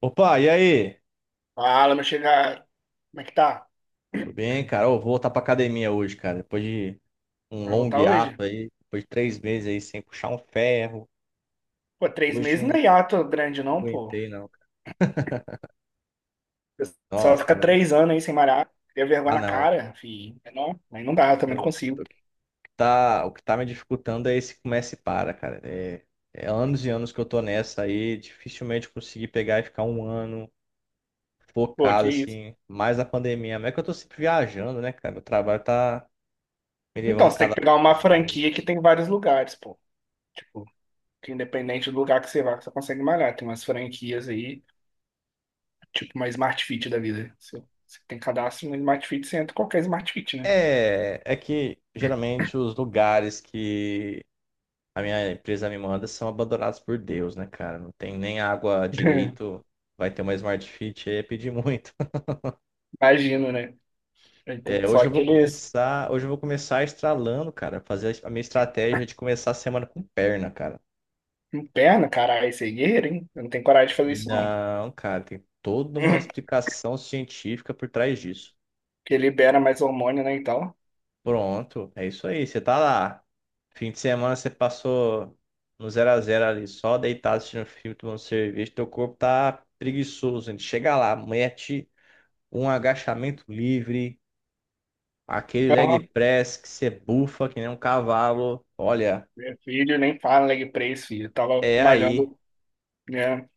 Opa, e aí? Fala, meu chegar. Como é que tá? Tudo bem, cara? Eu vou voltar pra academia hoje, cara. Depois de um Vai longo voltar hiato hoje? aí, depois de 3 meses aí sem puxar um ferro. Pô, três Hoje meses não não é hiato grande, não, pô. O aguentei, não, cara. pessoal Nossa, fica tava ali. 3 anos aí sem malhar. Cria vergonha Ah, na não. cara, fi. É, não, aí não dá, eu também não Eu- consigo. O que tá, o que tá me dificultando é esse começa e para, cara. É anos e anos que eu tô nessa aí. Dificilmente eu consegui pegar e ficar um ano Pô, focado, que isso. assim. Mais a pandemia. Mas é que eu tô sempre viajando, né, cara? Meu trabalho tá me Então, levando você tem que cada pegar uma lugar. franquia que tem vários lugares, pô. Tipo, que independente do lugar que você vá, que você consegue malhar. Tem umas franquias aí, tipo uma Smart Fit da vida. Você tem cadastro no Smart Fit, você entra em qualquer Smart Fit, né? É que geralmente os lugares que a minha empresa me manda são abandonados por Deus, né, cara? Não tem nem água direito. Vai ter uma Smart Fit aí, é pedir muito. Imagino, né? Ele tem É, só hoje eu vou aqueles. começar, hoje eu vou começar estralando, cara, fazer a minha estratégia de começar a semana com perna, cara. Perna, caralho, esse aí é guerreiro, hein? Eu não tenho coragem de fazer isso, não. Não, cara, tem toda uma explicação científica por trás disso. Porque libera mais hormônio, né, então. Pronto, é isso aí, você tá lá. Fim de semana você passou no 0-0 ali, só deitado assistindo filme, tomando cerveja, teu corpo tá preguiçoso, gente. Chega lá, mete um agachamento livre, aquele leg Aham. press que você bufa que nem um cavalo. Olha, Meu filho nem fala leg press, filho. Eu tava é aí. malhando, né?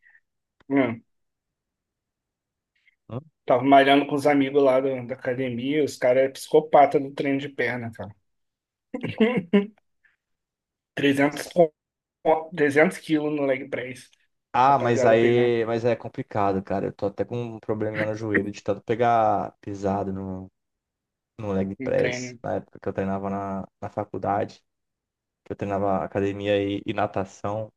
hum, Hã? Tava malhando com os amigos lá da academia, os caras é psicopata do treino de perna, cara. 300 co- 300 quilos no leg press. Ah, mas Rapaziada pegando aí, mas é complicado, cara. Eu tô até com um probleminha no joelho de tanto pegar pisado no leg em press treino. na época que eu treinava na faculdade. Que eu treinava academia e natação,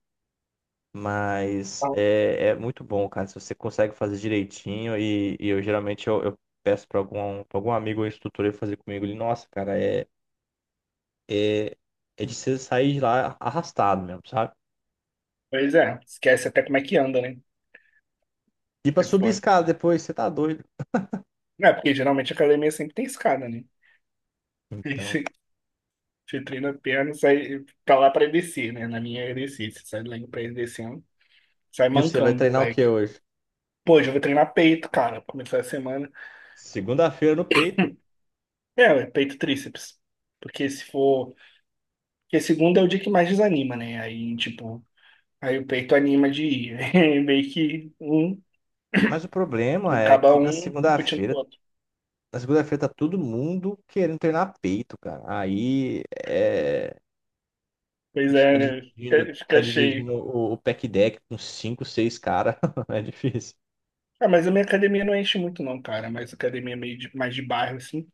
mas Então, é muito bom, cara, se você consegue fazer direitinho e eu geralmente eu peço pra algum amigo ou instrutor ele fazer comigo, ele, nossa, cara, é, é de você sair de lá arrastado mesmo, sabe? pois é, esquece até como é que anda, né? E pra É subir foda. escada depois, você tá doido. Não, porque geralmente a academia sempre tem escada, né? Então, Você treina a perna, e sai pra lá pra descer, né? Na minha é descer. Você sai do leg press descendo, sai e você vai mancando do treinar o leg. que hoje? Pô, hoje eu vou treinar peito, cara, pra começar a semana. Segunda-feira no peito. É, ué, peito e tríceps. Porque se for. Porque segunda é o dia que mais desanima, né? Aí, tipo, aí o peito anima de ir. Aí meio que um Mas o problema é acaba que na um competindo com o segunda-feira, outro. na segunda-feira tá todo mundo querendo treinar peito, cara. Aí é Pois Ficar é, né? dividindo, Fica, ficar fica cheio. dividindo o pack deck com cinco, seis caras é difícil. Ah, mas a minha academia não enche muito, não, cara. Mas a academia é meio mais de bairro, assim,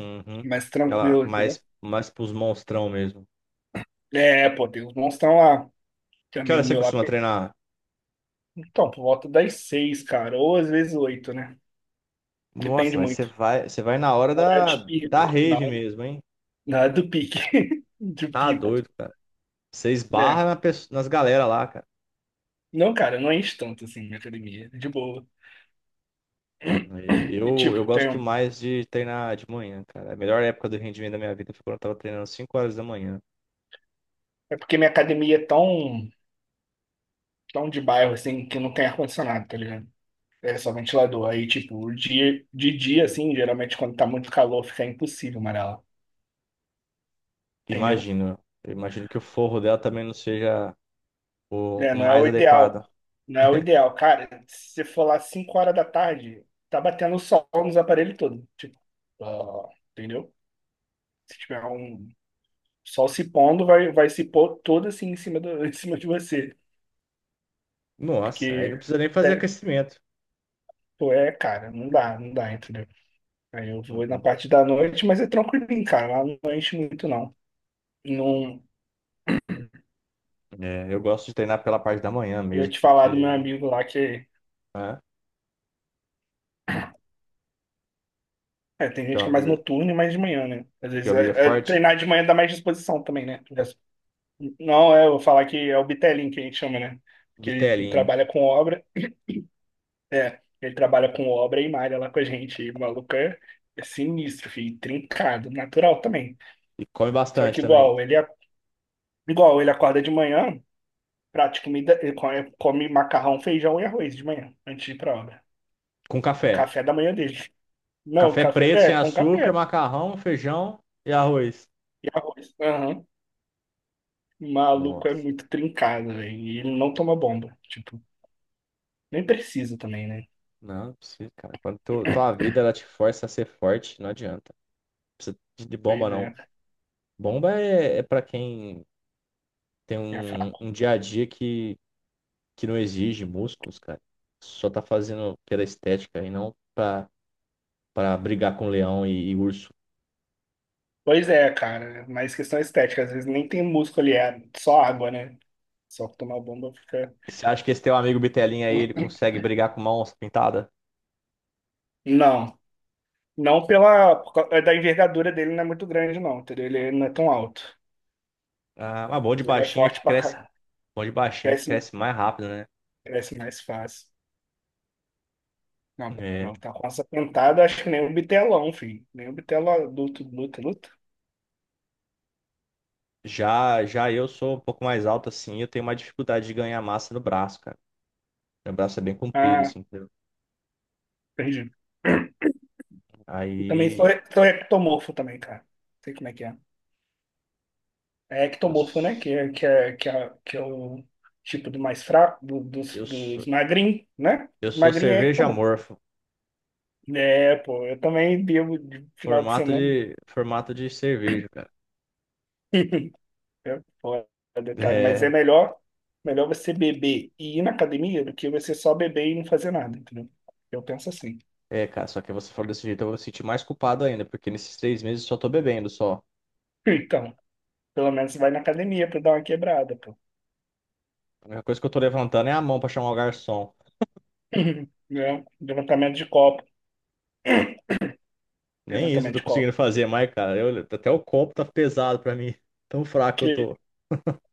Uhum. mais Aquela, tranquila, entendeu? mais, mais pros monstrão mesmo. É, pô, tem uns monstros lá. Tem um Que amigo hora você meu lá. costuma treinar? Então, por volta das seis, cara, ou às vezes oito, né? Nossa, Depende mas você muito. vai, você vai na hora Na hora da, de da pico, na rave hora, mesmo, hein? na hora do pique, do Tá pico, doido, cara. Você né? esbarra nas galera lá, cara. Não, cara, não enche tanto assim minha academia, de boa. E E Eu, eu tipo, tem, gosto um, mais de treinar de manhã, cara. A melhor época do rendimento da minha vida foi quando eu tava treinando às 5 horas da manhã. é porque minha academia é tão, tão de bairro, assim, que não tem ar-condicionado, tá ligado? É só ventilador. Aí, tipo, de dia, assim, geralmente quando tá muito calor, fica impossível malhar lá, entendeu? Imagino, eu imagino que o forro dela também não seja o, Né? o Não é mais o ideal. adequado. Não é o ideal. Cara, se você for lá 5 horas da tarde, tá batendo sol nos aparelhos todos. Tipo, ah, entendeu? Se tiver um sol se pondo, vai se pôr todo assim em cima, em cima de você. Nossa, aí não Porque, precisa nem fazer até, aquecimento. pô, é, cara, não dá, não dá, entendeu? Aí eu vou na Uhum. parte da noite, mas é tranquilinho, cara. Lá não enche muito, não. Não. É, eu gosto de treinar pela parte da manhã Eu ia mesmo, te falar do meu porque amigo lá que. né, É, tem teu gente que é mais amigo, noturno e mais de manhã, né? Às teu vezes amigo é forte. treinar de manhã dá mais disposição também, né? Não, eu vou falar que é o Bitelin que a gente chama, né? Que ele Bitelinho. trabalha com obra. É, ele trabalha com obra e malha lá com a gente. E o maluco é sinistro, filho, trincado, natural também. E come Só bastante que também. igual, ele acorda de manhã, prata de comida, ele come macarrão, feijão e arroz de manhã, antes de ir pra obra. Com É o café. café da manhã dele. Não, Café café, preto, sem com açúcar, café macarrão, feijão e arroz. e arroz. Aham. O Maluco é Nossa, muito trincado, velho. E ele não toma bomba. Tipo, nem precisa também, né? não, não precisa, cara. Quando tua vida ela te força a ser forte, não adianta. Não precisa de Pois bomba, não. Bomba é para quem tem é. um dia a dia que não exige músculos, cara. Só tá fazendo pela estética e não pra brigar com leão e urso. Pois é, cara, mas questão estética, às vezes nem tem músculo ali, é só água, né? Só que tomar bomba fica. Você acha que esse teu amigo Bitelinha aí, ele consegue brigar com uma onça pintada? Não, não pela por causa da envergadura dele não é muito grande, não, entendeu? Ele não é tão alto. Ah, mas bom Mas de ele é baixinho é forte que pra cresce. caralho. Bom de baixinho é que Cresce, cresce mais rápido, né? cresce mais fácil. Não, É. não, tá com essa pentada, acho que nem o bitelão, filho. Nem o bitelo adulto luta, luta. Já eu sou um pouco mais alto assim, eu tenho mais dificuldade de ganhar massa no braço, cara. Meu braço é bem comprido, Ah, assim, entendeu? perdi. Eu também sou, Aí sou ectomorfo também, cara. Sei como é que é. É eu, ectomorfo, né? Que s- é, que é, que é, que é o tipo do mais fraco, do- dos, eu, sou- dos magrinhos, né? eu sou Magrinho é cerveja ectomorfo. amorfo, É, pô, eu também bebo de final de formato semana. de, formato de cerveja, cara. É foda, cara, mas é É, melhor você beber e ir na academia do que você só beber e não fazer nada, entendeu? Eu penso assim. é, cara, só que você falou desse jeito, eu vou me sentir mais culpado ainda, porque nesses 3 meses eu só tô bebendo só. Então, pelo menos vai na academia pra dar uma quebrada, pô. A única coisa que eu tô levantando é a mão pra chamar o garçom. Né? Levantamento de copo, Nem isso eu levantamento tô de conseguindo copo. fazer mais, cara. Até o copo tá pesado pra mim. Tão fraco que eu tô.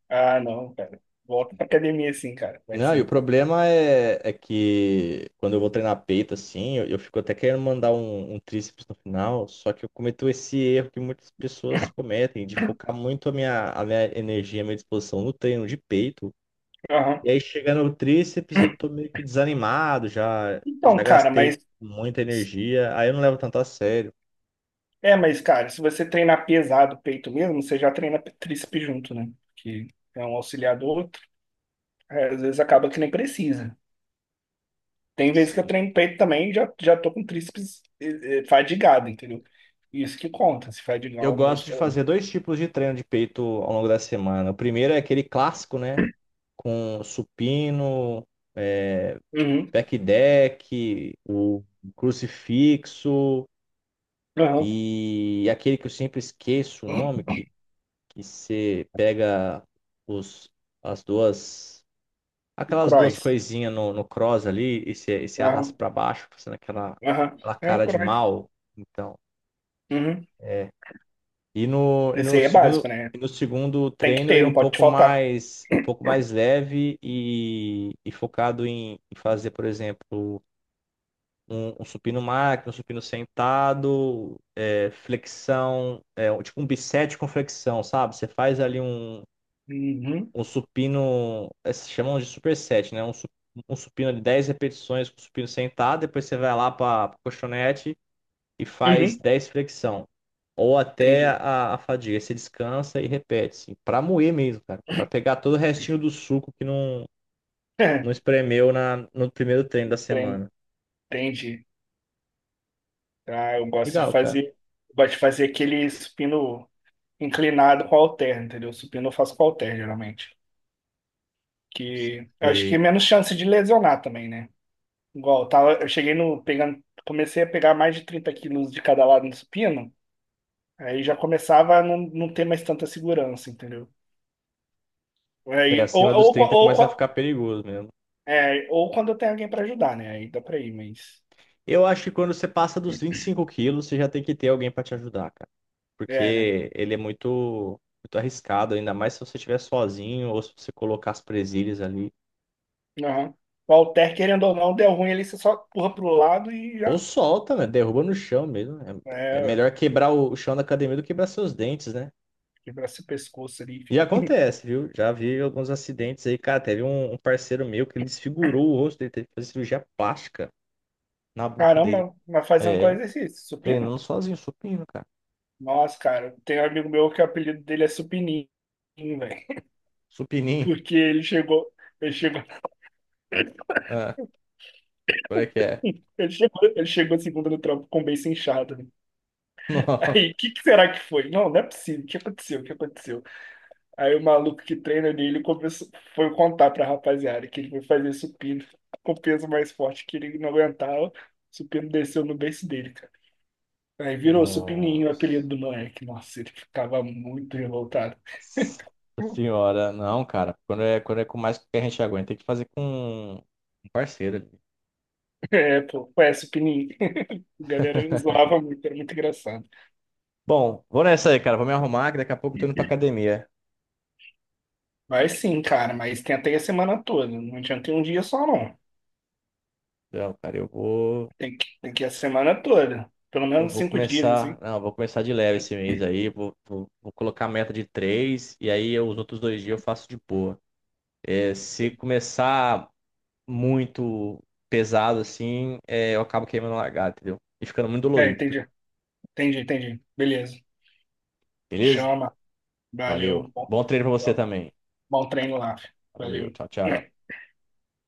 Ah, não, cara. Volta pra academia sim, cara. Vai Não, e o sim. problema é que quando eu vou treinar peito, assim, eu fico até querendo mandar um tríceps no final, só que eu cometo esse erro que muitas pessoas cometem, de focar muito a minha energia, a minha disposição no treino de peito. Aham. E aí chega no tríceps, eu tô meio que desanimado, já, Então, já cara, gastei mas. muita energia, aí eu não levo tanto a sério. É, mas, cara, se você treinar pesado o peito mesmo, você já treina tríceps junto, né? Que é um auxiliar do outro. É, às vezes acaba que nem precisa. Tem vezes que eu Sim. treino peito também e já tô com tríceps fadigado, entendeu? Isso que conta, se Eu fadigar o gosto de músculo ali. fazer dois tipos de treino de peito ao longo da semana. O primeiro é aquele clássico, né? Com supino, é, Uhum. back deck, o crucifixo Aham. e aquele que eu sempre esqueço o nome, que você pega os, as duas. Aquelas duas Cross. coisinhas no cross ali, esse arrasta Aham. pra baixo, fazendo aquela, Aham. aquela É o cara de cross. mal. Então, Uhum. é. E no, e Esse no aí é básico, segundo, né? e no segundo Tem que treino ter, ele é não pode faltar. Um pouco mais leve e focado em fazer, por exemplo, um supino máquina, um supino sentado, é, flexão, é, um, tipo um bicep com flexão, sabe? Você faz ali um, Uhum. um supino, é, se chamam de superset, né? Um supino de 10 repetições com supino sentado, depois você vai lá para colchonete e faz Uhum, 10 flexão. Ou até entendi. a fadiga. Você descansa e repete, assim, para moer mesmo, cara. Para pegar todo o restinho do suco que não espremeu no primeiro treino da Enten- semana. Entendi. Ah, eu gosto de Legal, cara. fazer, eu gosto de fazer aquele supino inclinado com halter, entendeu? Supino eu faço com halter, geralmente. Que eu acho que é E menos chance de lesionar também, né? Igual, eu tava, eu cheguei no, pegando, comecei a pegar mais de 30 quilos de cada lado no supino, aí já começava a não ter mais tanta segurança, entendeu? É, Aí, acima dos 30 começa a ou, ficar perigoso mesmo. ou quando eu tenho alguém pra ajudar, né? Aí dá pra ir, mas. Eu acho que quando você passa dos 25 quilos, você já tem que ter alguém para te ajudar, cara. É, né? Porque ele é muito, muito arriscado, ainda mais se você estiver sozinho ou se você colocar as presilhas ali. Aham. O halter, querendo ou não, deu ruim ali, você só empurra pro lado e Ou já. solta, né? Derruba no chão mesmo. É É, melhor quebrar o chão da academia do que quebrar seus dentes, né? quebra seu pescoço ali. E acontece, viu? Já vi alguns acidentes aí, cara. Teve um parceiro meu que ele desfigurou o rosto dele, teve que fazer cirurgia plástica na boca dele. Caramba, mas fazendo qual É, exercício? Supino? treinando sozinho, supino, cara. Nossa, cara, tem um amigo meu que o apelido dele é Supininho, velho. Supininho. Porque ele chegou, Ah, como é que é? ele chegou segunda no trampo com o beiço inchado, né? Aí, o que que será que foi? Não, não é possível. O que aconteceu? O que aconteceu? Aí o maluco que treina ali, foi contar pra rapaziada que ele foi fazer supino com peso mais forte que ele não aguentava. O supino desceu no beiço dele, cara. Aí virou supininho o Nossa apelido do moleque. Nossa, ele ficava muito revoltado. senhora, não, cara. Quando é com mais que a gente aguenta, tem que fazer com um parceiro ali. É, pô, é supininho. A galera zoava muito, era muito engraçado. Bom, vou nessa aí, cara. Vou me arrumar que daqui a pouco eu tô indo pra academia. Mas sim, cara, mas tem até a semana toda. Não adianta ter um dia só, não. Não, cara, eu vou. Tem que ir a semana toda. Pelo Eu menos vou 5 dias, começar. assim. Não, eu vou começar de leve esse mês aí. Vou colocar a meta de três e aí os outros 2 dias eu faço de boa. É, se começar muito pesado assim, é, eu acabo queimando a largada, entendeu? E ficando muito É, dolorido, entendeu? entendi. Entendi, entendi. Beleza. Beleza? Chama. Valeu. Valeu. um Bom, Bom treino pra você também. bom treino lá. Valeu, Valeu. tchau, tchau.